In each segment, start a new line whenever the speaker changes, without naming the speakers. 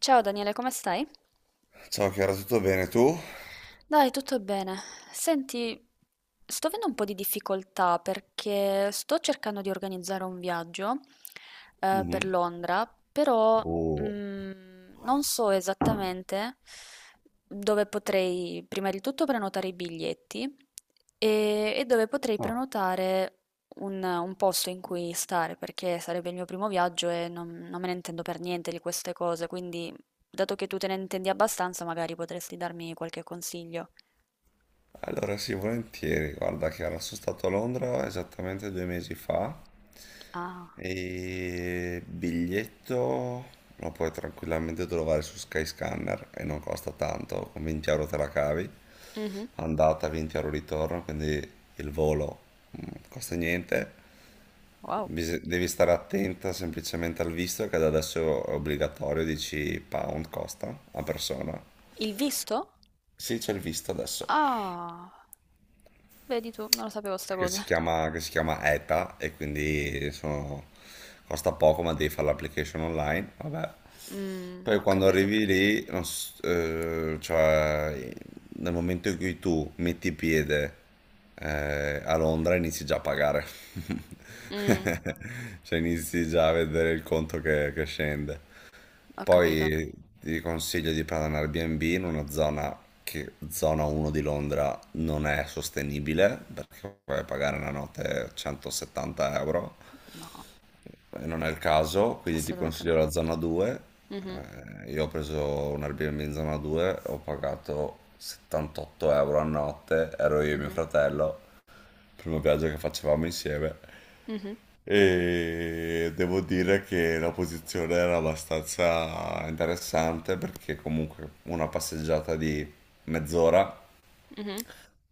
Ciao Daniele, come stai?
Ciao Chiara, tutto bene tu?
Dai, tutto bene. Senti, sto avendo un po' di difficoltà perché sto cercando di organizzare un viaggio per
Mhm.
Londra, però
Oh.
non so esattamente dove potrei prima di tutto prenotare i biglietti e dove potrei
Ah,
prenotare un posto in cui stare, perché sarebbe il mio primo viaggio e non me ne intendo per niente di queste cose, quindi. Dato che tu te ne intendi abbastanza, magari potresti darmi qualche consiglio.
allora sì, volentieri. Guarda Chiara, sono stato a Londra esattamente 2 mesi fa
Ah,
e biglietto lo puoi tranquillamente trovare su Skyscanner e non costa tanto, con 20 euro te la cavi,
mhm,
andata 20 euro ritorno, quindi il volo costa niente.
wow.
Devi stare attenta semplicemente al visto che da adesso è obbligatorio, 10 pound costa a persona.
Il visto?
Sì, c'è il visto adesso,
Ah, vedi tu, non lo sapevo sta
che
cosa.
si chiama, che si chiama ETA e quindi costa poco ma devi fare l'application online, vabbè.
Mm,
Poi
ho
quando
capito.
arrivi lì, non s- cioè nel momento in cui tu metti piede a Londra inizi già a pagare,
Mm,
cioè inizi già a vedere il conto che scende.
ho capito.
Poi ti consiglio di prendere un Airbnb in una zona, che zona 1 di Londra non è sostenibile perché puoi pagare una notte 170 euro,
No,
non è il caso, quindi ti
assolutamente
consiglio
no.
la zona 2.
Mhm,
Io ho preso un Airbnb in zona 2, ho pagato 78 euro a notte, ero io e mio
mhm,
fratello, primo viaggio che facevamo insieme.
mhm,
E devo dire che la posizione era abbastanza interessante perché comunque una passeggiata di mezz'ora
mhm,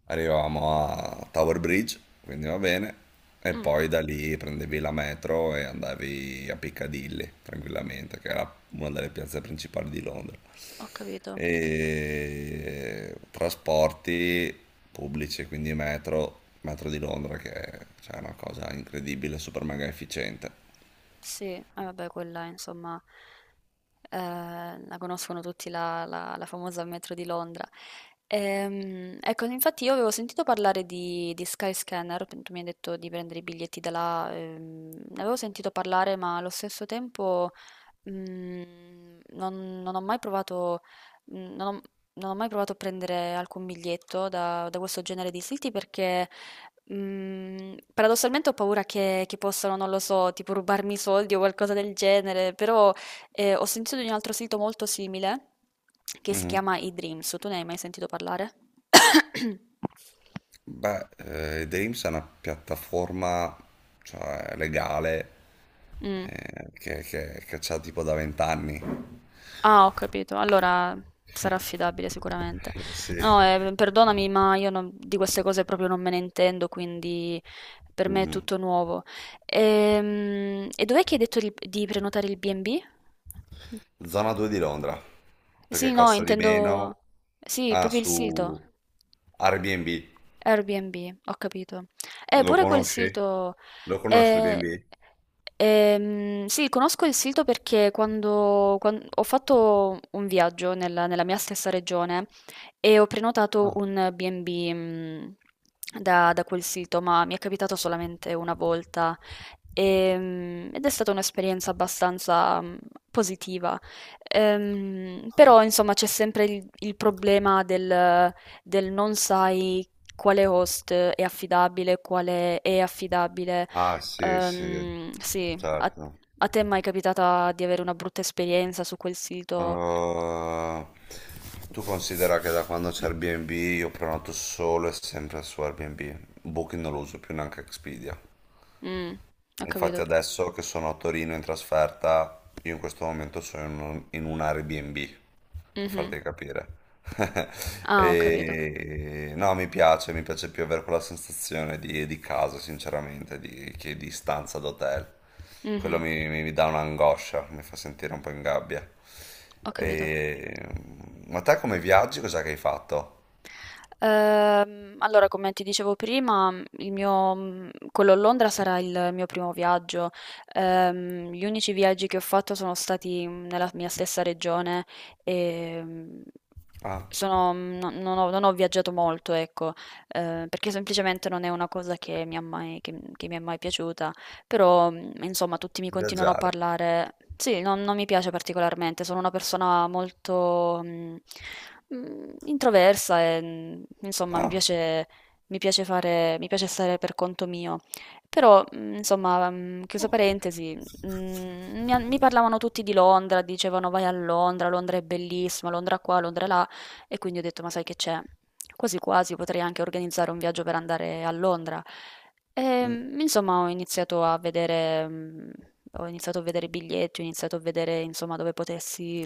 arrivavamo a Tower Bridge, quindi va bene, e
mm,
poi da lì prendevi la metro e andavi a Piccadilly tranquillamente, che era una delle piazze principali di Londra.
ho capito.
E trasporti pubblici, quindi metro, metro di Londra che è, cioè, una cosa incredibile, super mega efficiente.
Sì, eh vabbè quella insomma la conoscono tutti la famosa metro di Londra. Ecco, infatti io avevo sentito parlare di Skyscanner, tu mi hai detto di prendere i biglietti da là. Ne avevo sentito parlare, ma allo stesso tempo non ho mai provato mhmm, non ho non ho mai provato a prendere alcun biglietto da questo genere di siti perché paradossalmente ho paura che possano, non lo so, tipo rubarmi i soldi o qualcosa del genere. Però, ho sentito di un altro sito molto simile che si
Mhm.
chiama eDreams. Tu ne hai mai sentito parlare?
Beh, Dreams è una piattaforma, cioè, legale,
Mh.
che c'ha tipo da 20 anni.
Ah, ho capito. Allora sarà affidabile sicuramente.
Sì.
No, perdonami, ma io di queste cose proprio non me ne intendo, quindi per me è
Mhm.
tutto nuovo. E dov'è che hai detto di prenotare il B&B?
Zona 2 di Londra,
Sì,
perché
no,
costa di meno.
intendo. Sì,
Ah,
proprio il sito.
su Airbnb.
Airbnb, ho capito.
Lo
Pure quel
conosci?
sito.
Lo conosci
eh,
Airbnb?
sì, conosco il sito perché ho fatto un viaggio nella mia stessa regione e ho prenotato
Ah,
un B&B, da quel sito, ma mi è capitato solamente una volta. Ed è stata un'esperienza abbastanza positiva. Però, insomma, c'è sempre il problema del non sai quale host è affidabile, quale è affidabile.
ah, sì, sì,
Sì, a,
certo.
a te è mai capitata di avere una brutta esperienza su quel sito?
Uh, tu considera che da quando c'è Airbnb io prenoto solo e sempre su Airbnb. Booking non lo uso più, neanche Expedia.
Mm, ho
Infatti
capito.
adesso che sono a Torino in trasferta, io in questo momento sono in un Airbnb, per
Mhm.
farti capire.
Ah, ho capito.
No, mi piace più avere quella sensazione di casa, sinceramente, che di stanza d'hotel. Quello
Mhm.
mi dà un'angoscia, mi fa sentire un po' in gabbia.
Ho capito.
E... Ma te come viaggi, cos'è che hai fatto?
Allora, come ti dicevo prima, quello a Londra sarà il mio primo viaggio. Gli unici viaggi che ho fatto sono stati nella mia stessa regione e.
Ah,
No, non ho viaggiato molto, ecco, perché semplicemente non è una cosa che mi è mai piaciuta, però, insomma tutti mi continuano a
viaggiare.
parlare sì, non mi piace particolarmente, sono una persona molto, introversa e, insomma
Ah,
mi piace stare per conto mio. Però, insomma, chiusa parentesi, mi parlavano tutti di Londra, dicevano: "Vai a Londra, Londra è bellissima, Londra qua, Londra là". E quindi ho detto: "Ma sai che c'è? Quasi quasi potrei anche organizzare un viaggio per andare a Londra".
mm,
Insomma ho iniziato a vedere i biglietti, ho iniziato a vedere insomma dove potessi,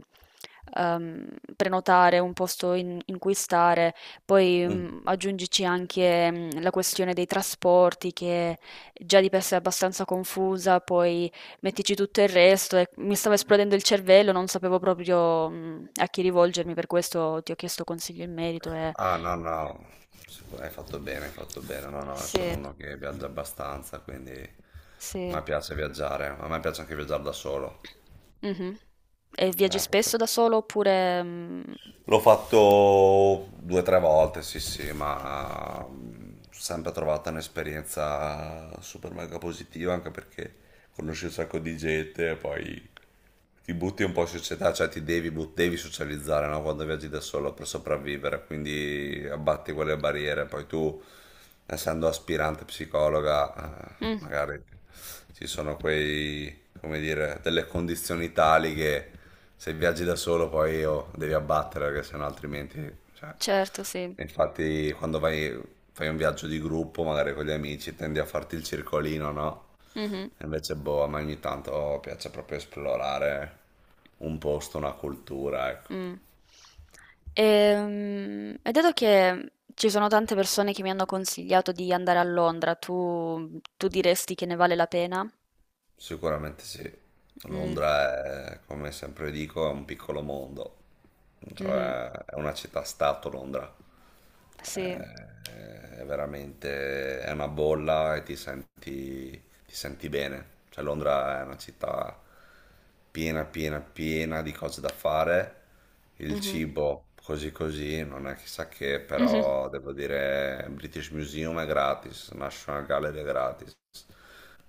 ehm, prenotare un posto in cui stare. Poi,
mm.
aggiungici anche, la questione dei trasporti che già di per sé è abbastanza confusa, poi mettici tutto il resto e mi stava esplodendo il cervello, non sapevo proprio, a chi rivolgermi, per questo ti ho chiesto consigli in merito e.
Ah, no, no, hai fatto bene, hai fatto bene. No, no, sono
Sì,
uno che viaggia abbastanza, quindi a
sì.
me piace viaggiare, a me piace anche viaggiare da solo.
Mh-mh. E viaggi spesso
Proprio.
da solo oppure, mhmm
L'ho fatto 2 o 3 volte, sì, sì, ma sempre trovata un'esperienza super mega positiva, anche perché conosci un sacco di gente e poi ti butti un po' in società, cioè ti devi, devi socializzare, no? Quando viaggi da solo per sopravvivere, quindi abbatti quelle barriere. Poi tu, essendo aspirante psicologa,
Mh,
magari ci sono quei, come dire, delle condizioni tali che se viaggi da solo poi oh, devi abbattere, perché sennò altrimenti. Cioè.
certo, sì.
Infatti, quando vai, fai un viaggio di gruppo, magari con gli amici, tendi a farti il circolino, no?
Mh-mh,
Invece, boh, a me ogni tanto piace proprio esplorare un posto, una cultura, ecco.
mh. E dato che ci sono tante persone che mi hanno consigliato di andare a Londra, tu diresti che ne vale la pena?
Sicuramente sì,
Mh.
Londra è, come sempre dico, è un piccolo mondo,
Mh-mh.
cioè è una città-stato Londra,
Sì.
è, è veramente, è una bolla e ti senti bene, cioè Londra è una città piena, piena, piena di cose da fare, il
Mh-mh.
cibo così così, non è chissà che,
Mh-mh.
però devo dire British Museum è gratis, National Gallery è gratis.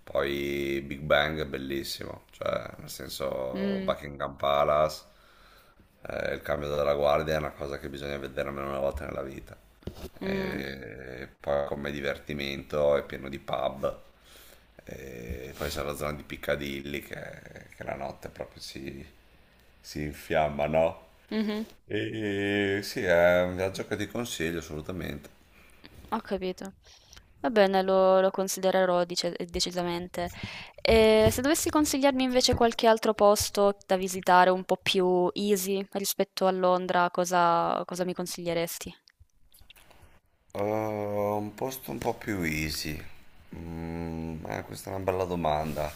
Poi Big Bang è bellissimo, cioè nel senso
Mh.
Buckingham Palace, il cambio della guardia è una cosa che bisogna vedere almeno una volta nella vita.
Mh.
E poi come divertimento è pieno di pub, e poi c'è la zona di Piccadilly che la notte proprio si infiamma, no?
Mh-mh.
E sì, è un viaggio che ti consiglio assolutamente.
Ho capito. Va bene, lo considererò dice decisamente. E se dovessi consigliarmi invece qualche altro posto da visitare un po' più easy rispetto a Londra, cosa mi consiglieresti?
Un posto un po' più easy. Questa è una bella domanda.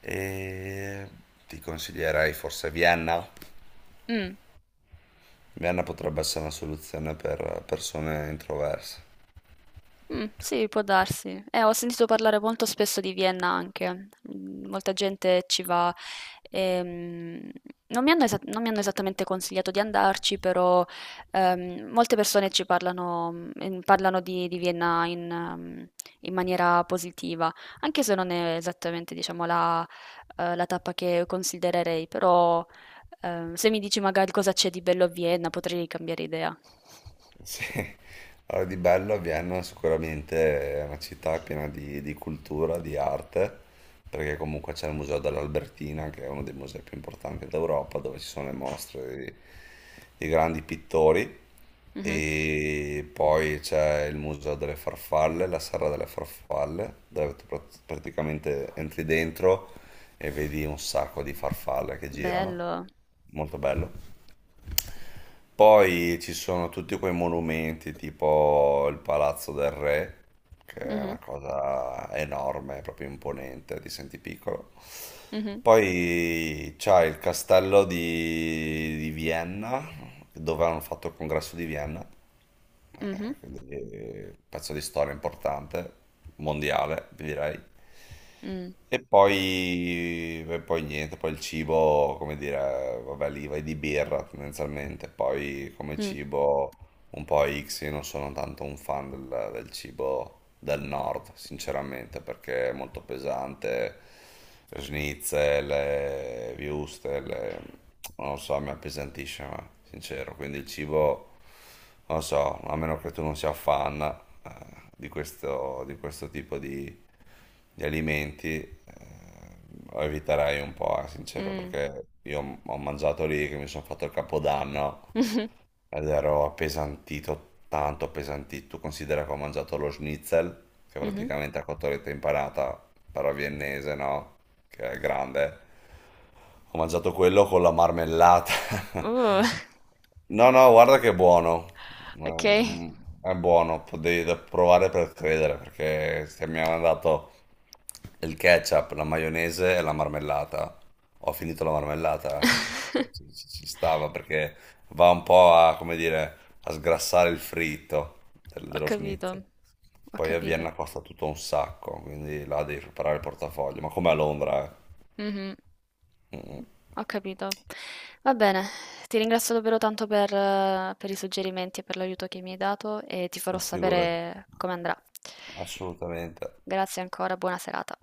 E ti consiglierei forse Vienna?
Mh.
Vienna potrebbe essere una soluzione per persone introverse.
Sì, può darsi. Ho sentito parlare molto spesso di Vienna anche. Mhmm, Molta gente ci va. Ehm, Non mi hanno esattamente consigliato di andarci, però, molte persone parlano di Vienna in maniera positiva, anche se non è esattamente, diciamo, la tappa che considererei, però, se mi dici magari cosa c'è di bello a Vienna, potrei cambiare idea.
Sì, allora di bello Vienna sicuramente è una città piena di cultura, di arte, perché comunque c'è il Museo dell'Albertina, che è uno dei musei più importanti d'Europa, dove ci sono le mostre di grandi pittori,
Mh-mh.
e poi c'è il Museo delle Farfalle, la Serra delle Farfalle, dove tu praticamente entri dentro e vedi un sacco di farfalle che girano,
Bello.
molto bello. Poi ci sono tutti quei monumenti, tipo il Palazzo del Re, che è
Mh-mh.
una cosa enorme, proprio imponente, ti senti piccolo.
Mh-mh.
Poi c'è il castello di Vienna, dove hanno fatto il congresso di Vienna.
Mh-mh.
Quindi, pezzo di storia importante, mondiale, vi direi.
Mh.
E poi niente, poi il cibo, come dire, vabbè, lì vai di birra tendenzialmente, poi come
Mh.
cibo un po' X, io non sono tanto un fan del cibo del nord, sinceramente, perché è molto pesante, schnitzel, le würstel, non lo so, mi appesantisce, ma sincero, quindi il cibo non so, a meno che tu non sia fan, di questo tipo di alimenti, lo eviterei un po', sincero,
Mh.
perché io ho mangiato lì che mi sono fatto il capodanno
Mh-mh.
ed ero appesantito, tanto appesantito. Tu considera che ho mangiato lo schnitzel, che
Mh-mh.
praticamente è cotoletta impanata, però viennese, no? Che è grande. Ho mangiato quello con la marmellata.
Uh.
No, no, guarda che è buono.
Okay.
Mm, È buono, devi provare per credere, perché se mi hanno dato il ketchup, la maionese e la marmellata. Ho finito la marmellata, eh. Cioè, Ci stava perché va un po' a, come dire, a sgrassare il fritto
Ho
dello
capito,
schnitzel.
ho
Poi a
capito.
Vienna costa tutto un sacco, quindi là devi preparare il portafoglio, ma come a Londra, eh.
Mh-mh.
Mm, mm,
Ho capito. Va bene, ti ringrazio davvero tanto per i suggerimenti e per l'aiuto che mi hai dato e ti farò
Ma figurati,
sapere come andrà.
assolutamente.
Grazie ancora, buona serata.